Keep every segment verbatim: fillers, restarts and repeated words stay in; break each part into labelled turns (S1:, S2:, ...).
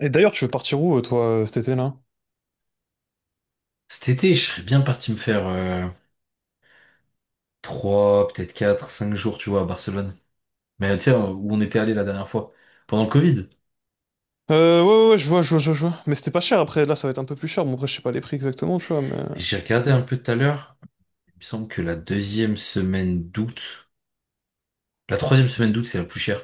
S1: Et d'ailleurs, tu veux partir où, euh, toi, euh, cet été, là?
S2: Cet été, je serais bien parti me faire euh, trois, peut-être quatre, cinq jours, tu vois, à Barcelone. Mais tu sais, euh, où on était allé la dernière fois, pendant le Covid.
S1: Euh, ouais, ouais, ouais, je vois, je vois, je vois. je vois. Mais c'était pas cher, après, là, ça va être un peu plus cher. Bon, après, je sais pas les prix exactement, tu vois, mais...
S2: J'ai regardé un peu tout à l'heure. Il me semble que la deuxième semaine d'août, la troisième semaine d'août, c'est la plus chère.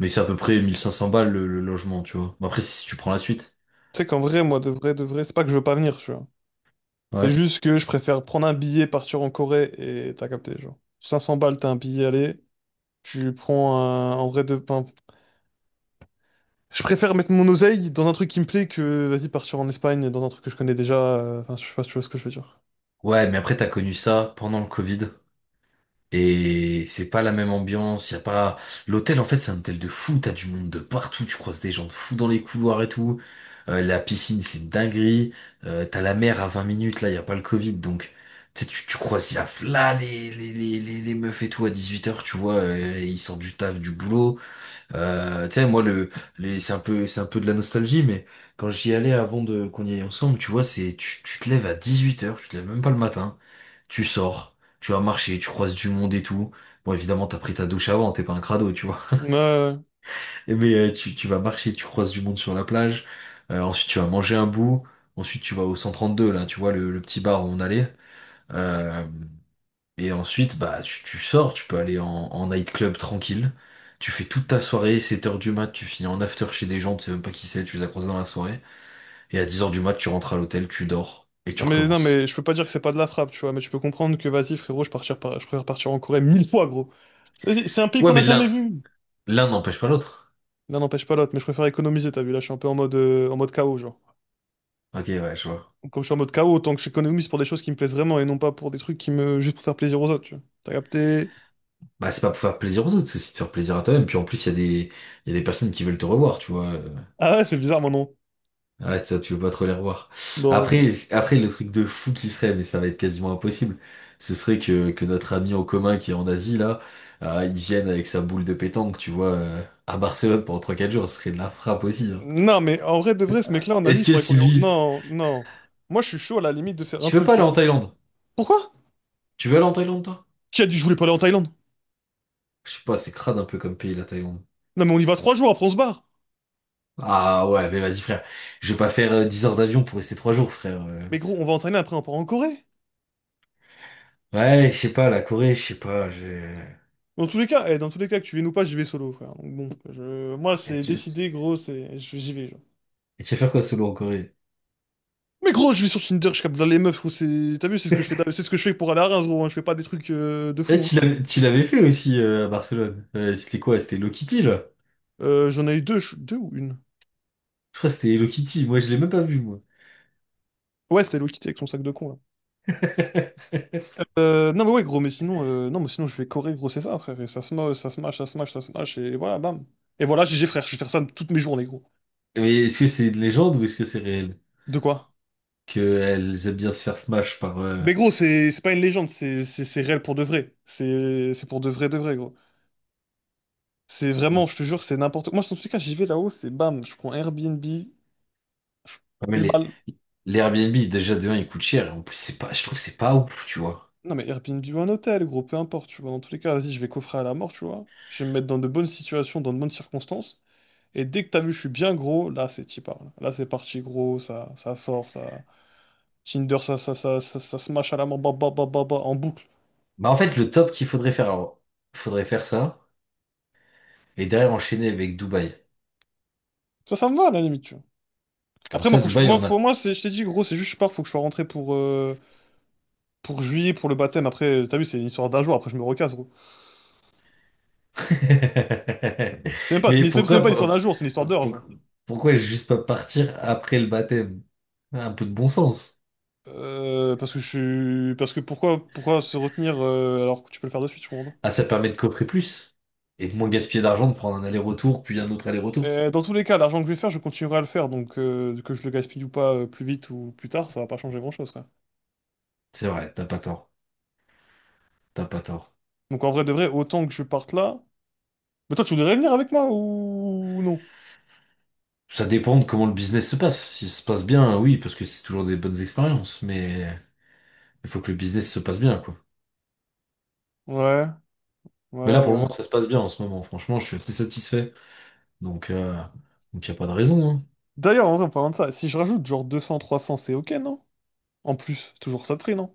S2: Mais c'est à peu près mille cinq cents balles le, le logement, tu vois. Bon, après, si tu prends la suite.
S1: Tu sais qu'en vrai, moi, de vrai, de vrai, c'est pas que je veux pas venir, tu vois. C'est
S2: Ouais.
S1: juste que je préfère prendre un billet, partir en Corée, et t'as capté, genre. cinq cents balles, t'as un billet aller, tu prends un... En vrai, de... pain. je préfère mettre mon oseille dans un truc qui me plaît que, vas-y, partir en Espagne, dans un truc que je connais déjà. euh, Enfin, je sais pas si tu vois ce que je veux dire.
S2: Ouais, mais après, t'as connu ça pendant le Covid. Et c'est pas la même ambiance, y a pas... L'hôtel, en fait, c'est un hôtel de fou, t'as du monde de partout, tu croises des gens de fous dans les couloirs et tout. Euh, la piscine, c'est une dinguerie. Euh, t'as la mer à vingt minutes, là, y a pas le Covid, donc... Tu, sais, tu tu croises y a là les, les, les, les, les meufs et tout à dix-huit heures tu vois, euh, ils sortent du taf, du boulot. Euh, tu sais, moi, le, les, c'est un peu, c'est un peu de la nostalgie, mais quand j'y allais avant de qu'on y aille ensemble, tu vois, c'est, tu, tu te lèves à dix huit heures tu te lèves même pas le matin, tu sors, tu vas marcher, tu croises du monde et tout. Bon, évidemment, t'as pris ta douche avant, t'es pas un crado, tu vois.
S1: Ouais, ouais, ouais.
S2: Et Mais euh, tu, tu vas marcher, tu croises du monde sur la plage, euh, ensuite tu vas manger un bout, ensuite tu vas au cent trente-deux là, tu vois, le, le petit bar où on allait. Euh, et ensuite, bah, tu, tu sors, tu peux aller en, en nightclub tranquille. Tu fais toute ta soirée, sept heures du mat, tu finis en after chez des gens, tu sais même pas qui c'est, tu les as croisés dans la soirée. Et à dix heures du mat, tu rentres à l'hôtel, tu dors, et tu
S1: Non mais, non
S2: recommences.
S1: mais je peux pas dire que c'est pas de la frappe, tu vois, mais je peux comprendre que vas-y frérot, je partirais par- je préfère partir en Corée mille fois gros. C'est c'est un pays
S2: Ouais,
S1: qu'on n'a
S2: mais
S1: jamais
S2: l'un,
S1: vu.
S2: l'un n'empêche pas l'autre.
S1: L'un n'empêche pas l'autre, mais je préfère économiser, t'as vu, là je suis un peu en mode, euh, en mode K O, genre.
S2: Ok, ouais, je vois.
S1: Comme je suis en mode K O, autant que j'économise pour des choses qui me plaisent vraiment et non pas pour des trucs qui me... juste pour faire plaisir aux autres, tu vois. T'as capté?
S2: Bah, c'est pas pour faire plaisir aux autres, c'est aussi de faire plaisir à toi-même. Puis en plus, il y a des, il y a des personnes qui veulent te revoir, tu vois. euh.
S1: Ah ouais, c'est bizarre mon nom.
S2: Ouais, ça, tu veux pas trop les revoir.
S1: Non.
S2: Après, après, le truc de fou qui serait, mais ça va être quasiment impossible, ce serait que, que notre ami en commun qui est en Asie, là, euh, il vienne avec sa boule de pétanque, tu vois, euh, à Barcelone pendant trois quatre jours, ce serait de la frappe aussi, hein.
S1: Non mais en vrai de vrai, ce mec-là en Asie, il
S2: Est-ce que
S1: faudrait qu'on
S2: si
S1: le...
S2: lui...
S1: Non, non. Moi je suis chaud à la limite de
S2: Tu
S1: faire un
S2: tu veux
S1: truc,
S2: pas aller
S1: c'est
S2: en
S1: quoi?
S2: Thaïlande?
S1: Pourquoi?
S2: Tu veux aller en Thaïlande, toi?
S1: Qui a dit que je voulais pas aller en Thaïlande?
S2: Je sais pas, c'est crade un peu comme pays, la Thaïlande.
S1: Non mais on y va trois jours, après on se barre.
S2: Ah ouais, mais vas-y, frère. Je vais pas faire euh, dix heures d'avion pour rester trois jours, frère. euh.
S1: Mais gros, on va en Thaïlande, après on part en Corée.
S2: Ouais, je sais pas, la Corée, je sais pas, j'ai...
S1: Dans tous les cas, eh, dans tous les cas, que tu viennes ou pas, j'y vais solo, frère. Donc bon, je... moi,
S2: Et
S1: c'est
S2: tu...
S1: décidé, gros, c'est... je- J'y vais, genre.
S2: Et tu vas faire quoi solo en Corée?
S1: Mais gros, je vais sur Tinder, je capte dans les meufs, gros, c'est... T'as vu, c'est ce que je fais, c'est ce que je fais pour aller à Reims, gros, hein. Je fais pas des trucs euh, de fou,
S2: Eh,
S1: hein.
S2: tu l'avais, tu l'avais fait aussi euh, à Barcelone. Euh, c'était quoi? C'était Hello Kitty, là?
S1: Euh, j'en ai eu deux, je- deux ou une?
S2: Je crois que c'était Hello Kitty. Moi, je l'ai même pas vu, moi.
S1: Ouais, c'était Hello Kitty avec son sac de con, là. Euh, non, mais ouais, gros, mais sinon, euh, non, mais sinon, je vais corée, gros, c'est ça, frère. Et ça se moche, ça se mâche, ça se mâche, ça se mâche, et voilà, bam. Et voilà, G G, frère, je vais faire ça toutes mes journées, gros.
S2: Mais est-ce que c'est une légende ou est-ce que c'est réel?
S1: De quoi?
S2: Qu'elles aiment bien se faire smash par... euh,
S1: Mais gros, c'est c'est pas une légende, c'est c'est- c'est réel pour de vrai. C'est c'est pour de vrai, de vrai, gros. C'est vraiment, je te jure, c'est n'importe quoi. Moi, dans tous les cas, j'y vais là-haut, c'est bam, je prends Airbnb, je...
S2: Ah, mais
S1: mille
S2: les,
S1: balles.
S2: les Airbnb, déjà, de un, ils coûtent cher. Et en plus, c'est pas, je trouve que c'est pas ouf, tu vois.
S1: Non, mais Airbnb ou un hôtel, gros, peu importe, tu vois. Dans tous les cas, vas-y, je vais coffrer à la mort, tu vois. Je vais me mettre dans de bonnes situations, dans de bonnes circonstances. Et dès que t'as vu, je suis bien gros, là, c'est t'y parles. Là, c'est parti, gros, ça, ça sort, ça. Tinder, ça, ça, ça, ça, ça smash à la mort, bah, bah, bah, bah, bah, en boucle.
S2: Bah, en fait, le top qu'il faudrait faire, alors, il faudrait faire ça et derrière enchaîner avec Dubaï.
S1: Ça, ça me va, à la limite, tu vois.
S2: Comme
S1: Après, moi,
S2: ça,
S1: faut que je...
S2: Dubaï,
S1: moi,
S2: on a,
S1: faut... moi c'est... je t'ai dit, gros, c'est juste, je pars, faut que je sois rentré pour, euh, pour juillet, pour le baptême. Après, t'as vu, c'est une histoire d'un jour, après, je me recasse, gros. C'est même pas, c'est
S2: Mais
S1: une- c'est même
S2: pourquoi,
S1: pas une histoire
S2: pour-
S1: d'un jour, c'est une histoire d'heures,
S2: pour-
S1: genre.
S2: pourquoi juste pas partir après le baptême? Un peu de bon sens.
S1: Euh, parce que je suis... Parce que pourquoi, pourquoi se retenir euh, alors que tu peux le faire de suite, je comprends pas.
S2: Ah, ça permet de coffrer plus et de moins gaspiller d'argent, de prendre un aller-retour, puis un autre aller-retour.
S1: Euh, dans tous les cas, l'argent que je vais faire, je continuerai à le faire, donc euh, que je le gaspille ou pas euh, plus vite ou plus tard, ça va pas changer grand-chose, quoi.
S2: C'est vrai, t'as pas tort. T'as pas tort.
S1: Donc en vrai de vrai, autant que je parte là... Mais toi, tu voudrais venir avec moi ou non?
S2: Ça dépend de comment le business se passe. Si ça se passe bien, oui, parce que c'est toujours des bonnes expériences, mais il faut que le business se passe bien, quoi.
S1: Ouais,
S2: Mais là,
S1: ouais,
S2: pour le
S1: ouais.
S2: moment, ça se passe bien en ce moment. Franchement, je suis assez satisfait. Donc, euh, donc y a pas de raison, hein.
S1: D'ailleurs, en vrai, en parlant de ça, si je rajoute genre deux cents, trois cents c'est ok, non? En plus, toujours ça de prix, non?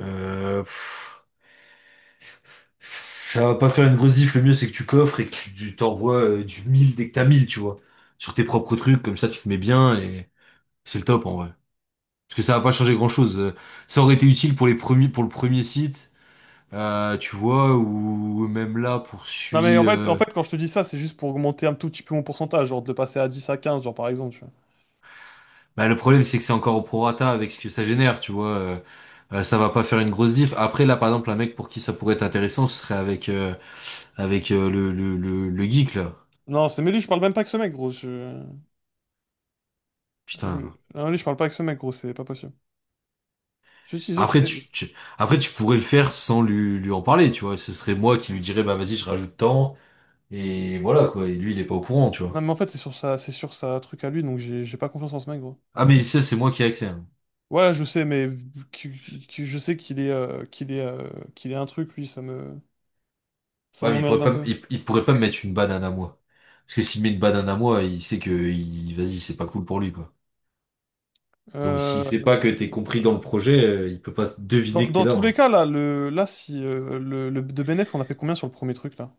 S2: Euh, pff. Ça va pas faire une grosse diff, le mieux c'est que tu coffres et que tu tu t'envoies euh, du mille dès que t'as mille tu vois. Sur tes propres trucs, comme ça tu te mets bien et c'est le top en vrai. Parce que ça va pas changer grand-chose. Euh, Ça aurait été utile pour les premiers, pour le premier site, euh, tu vois, ou même là
S1: Non mais
S2: poursuit.
S1: en fait, en
S2: Euh...
S1: fait, quand je te dis ça, c'est juste pour augmenter un tout petit peu mon pourcentage, genre de passer à dix à quinze genre par exemple.
S2: Bah, le problème c'est que c'est encore au prorata avec ce que ça génère, tu vois. euh, euh, ça va pas faire une grosse diff. Après là, par exemple, un mec pour qui ça pourrait être intéressant, ce serait avec euh, avec euh, le, le le le geek là.
S1: Non, c'est mais lui, je parle même pas avec ce mec, gros. Je...
S2: Putain.
S1: Non, lui, je parle pas avec ce mec, gros, c'est pas possible. Je dis, je- c'est
S2: Après
S1: des-
S2: tu, tu- après tu pourrais le faire sans lui lui en parler, tu vois. Ce serait moi qui lui dirais bah vas-y je rajoute tant et voilà quoi. Et lui il est pas au courant, tu
S1: Non,
S2: vois.
S1: mais en fait, c'est sur sa, c'est sur sa truc à lui, donc j'ai j'ai pas confiance en ce mec, gros.
S2: Ah mais ça c'est moi qui ai accès, hein.
S1: Ouais, je sais, mais qui- qui- qui- je sais qu'il est, euh, qu'il est, euh, qu'il est un truc, lui, ça me, ça
S2: Ouais mais il
S1: m'emmerde
S2: pourrait
S1: un
S2: pas me-
S1: peu.
S2: il, il pourrait pas me mettre une banane à moi. Parce que s'il met une banane à moi, il sait que il vas-y c'est pas cool pour lui quoi. Donc s'il sait pas
S1: Euh,
S2: que t'es compris dans le projet, euh, il peut pas
S1: Dans,
S2: deviner que t'es
S1: dans
S2: là,
S1: tous les
S2: hein.
S1: cas, là, le, là, si euh, le, le- de bénéf, on a fait combien sur le premier truc, là?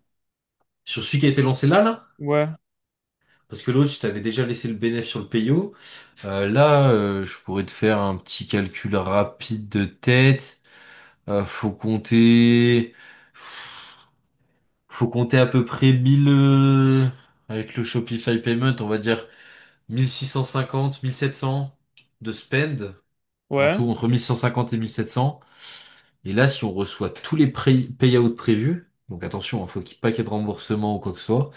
S2: Sur celui qui a été lancé là là,
S1: Ouais,
S2: parce que l'autre je t'avais déjà laissé le bénéfice sur le payo. Euh, là euh, je pourrais te faire un petit calcul rapide de tête. Euh, faut compter, faut compter à peu près mille, euh, avec le Shopify Payment, on va dire mille six cent cinquante, mille sept cents de spend, en
S1: ouais,
S2: tout entre mille cent cinquante et mille sept cents. Et là, si on reçoit tous les pré- payouts prévus, donc attention, hein, faut qu'il n'y ait pas qu'il y ait de remboursement ou quoi que ce soit,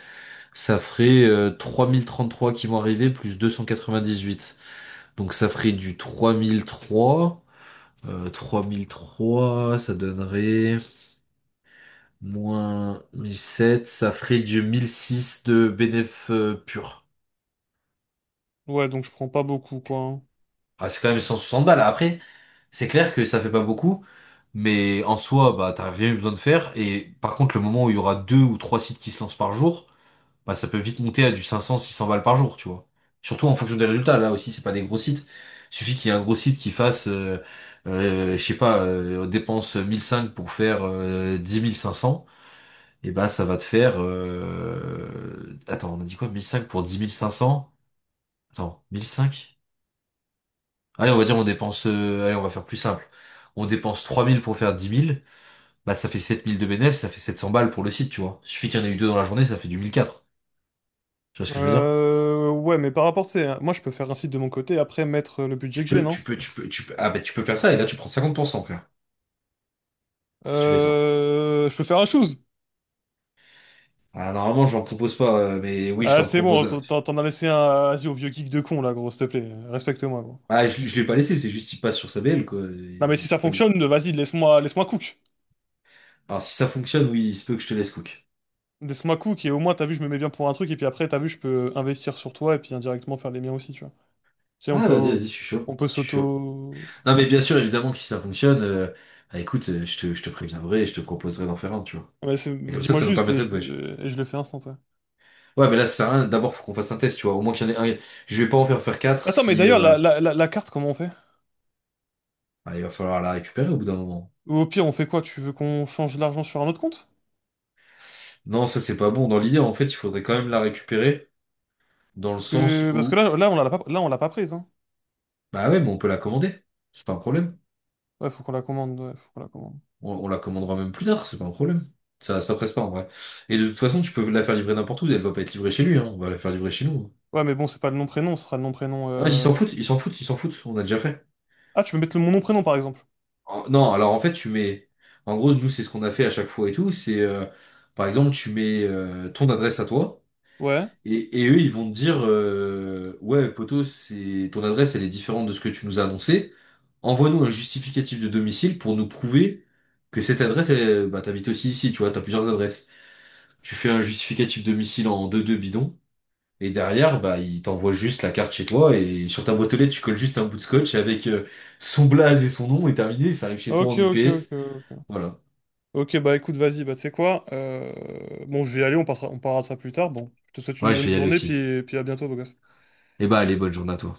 S2: ça ferait euh, trois mille trente-trois qui vont arriver plus deux cent quatre-vingt-dix-huit. Donc ça ferait du trois mille trois, euh, trois mille trois, ça donnerait... Moins mille sept, ça ferait du mille six de bénéf euh, pur.
S1: ouais, donc je prends pas beaucoup, quoi. Hein.
S2: Ah, c'est quand même cent soixante balles. Après, c'est clair que ça fait pas beaucoup, mais en soi, bah, t'as rien eu besoin de faire. Et par contre, le moment où il y aura deux ou trois sites qui se lancent par jour, bah, ça peut vite monter à du cinq cents, six cents balles par jour, tu vois. Surtout en fonction des résultats. Là aussi, c'est pas des gros sites. Suffit qu'il y ait un gros site qui fasse, euh, euh, je sais pas, euh, dépense mille cinq pour faire euh, dix mille cinq cents. Et bah ça va te faire... euh, Attends, on a dit quoi? mille cinq pour dix mille cinq cents? Attends, mille cinq? Allez, on va dire on dépense... euh, Allez, on va faire plus simple. On dépense trois mille pour faire dix mille. Bah ça fait sept mille de bénéfice, ça fait sept cents balles pour le site, tu vois. Suffit qu'il y en ait eu deux dans la journée, ça fait du mille quatre. Tu vois ce que je veux dire?
S1: Euh, ouais, mais par rapport, tu sais, hein, moi je peux faire un site de mon côté, après mettre le budget
S2: Tu
S1: que j'ai,
S2: peux,
S1: non?
S2: tu peux, tu peux, tu peux. Ah bah tu peux faire ça et là tu prends cinquante pour cent, frère. Si tu fais ça.
S1: Euh, je peux faire un chose.
S2: Ah normalement je j'en propose pas, euh, mais oui je
S1: Ah,
S2: t'en
S1: c'est bon,
S2: propose, un.
S1: t'en t'en- t'en as laissé un, euh, vas-y, au vieux geek de con, là, gros, s'il te plaît, respecte-moi, gros.
S2: Ah je, je l'ai pas laissé, c'est juste il passe sur sa B L quoi.
S1: Non, mais
S2: Il-
S1: si ça
S2: c'est pas lui.
S1: fonctionne, vas-y, laisse-moi, laisse-moi cook.
S2: Alors si ça fonctionne, oui, il se peut que je te laisse cook.
S1: Laisse-moi cook, et au moins, t'as vu, je me mets bien pour un truc, et puis après, t'as vu, je peux investir sur toi, et puis indirectement faire les miens aussi, tu vois. Tu sais, on
S2: Ouais, vas-y,
S1: peut,
S2: vas-y, je suis
S1: on
S2: chaud.
S1: peut
S2: Je suis chaud.
S1: s'auto...
S2: Non, mais bien sûr, évidemment que si ça fonctionne, euh, bah, écoute, euh, je te, je te préviendrai et je te proposerai d'en faire un, tu vois.
S1: Ouais, c'est-
S2: Et comme ça,
S1: dis-moi
S2: ça nous
S1: juste, et
S2: permettrait de
S1: je,
S2: voyager.
S1: le- et je le fais instant, ouais.
S2: Ouais, mais là, ça sert à rien. D'abord, faut qu'on fasse un test, tu vois. Au moins qu'il y en ait un. Je vais pas en faire faire quatre
S1: Attends, mais
S2: si,
S1: d'ailleurs,
S2: euh,
S1: la, la, la, la carte, comment on fait?
S2: ah, il va falloir la récupérer au bout d'un moment.
S1: Ou au pire, on fait quoi? Tu veux qu'on change l'argent sur un autre compte?
S2: Non, ça, c'est pas bon. Dans l'idée, en fait, il faudrait quand même la récupérer dans le
S1: Que-
S2: sens
S1: Parce que
S2: où,
S1: là, là, on l'a pas, là, on l'a pas prise, hein.
S2: bah ouais, mais on peut la commander. C'est pas un problème.
S1: Ouais, faut qu'on la commande, ouais, faut qu'on la commande.
S2: On, on la commandera même plus tard, c'est pas un problème. Ça, ça presse pas, en vrai. Et de toute façon, tu peux la faire livrer n'importe où. Elle va pas être livrée chez lui, hein. On va la faire livrer chez nous, hein.
S1: Ouais, mais bon, c'est pas le nom prénom, ce sera le nom prénom.
S2: Ah, ils
S1: Euh,
S2: s'en foutent, ils s'en foutent, ils s'en foutent, on a déjà fait.
S1: ah, tu peux mettre le, mon nom prénom par exemple.
S2: En- non, alors en fait, tu mets. En gros, nous, c'est ce qu'on a fait à chaque fois et tout. C'est euh, par exemple, tu mets euh, ton adresse à toi.
S1: Ouais.
S2: Et, et eux, ils vont te dire euh, ouais, poto, c'est ton adresse, elle est différente de ce que tu nous as annoncé. Envoie-nous un justificatif de domicile pour nous prouver que cette adresse, elle, bah, t'habites aussi ici, tu vois, t'as plusieurs adresses. Tu fais un justificatif domicile en deux 2 bidon. Et derrière, bah, il t'envoie juste la carte chez toi et sur ta boîte aux lettres, tu colles juste un bout de scotch avec euh, son blaze et son nom et terminé, ça arrive chez toi
S1: Ok,
S2: en
S1: ok, ok,
S2: U P S.
S1: ok.
S2: Voilà.
S1: Ok, bah écoute, vas-y, bah tu sais quoi, euh, bon, je vais y aller, on passera, on parlera de ça plus tard. Bon, je te souhaite une
S2: Ouais, je
S1: bonne
S2: vais y aller
S1: journée,
S2: aussi.
S1: puis, puis à bientôt, beau gosse.
S2: Et bah, allez, bonne journée à toi.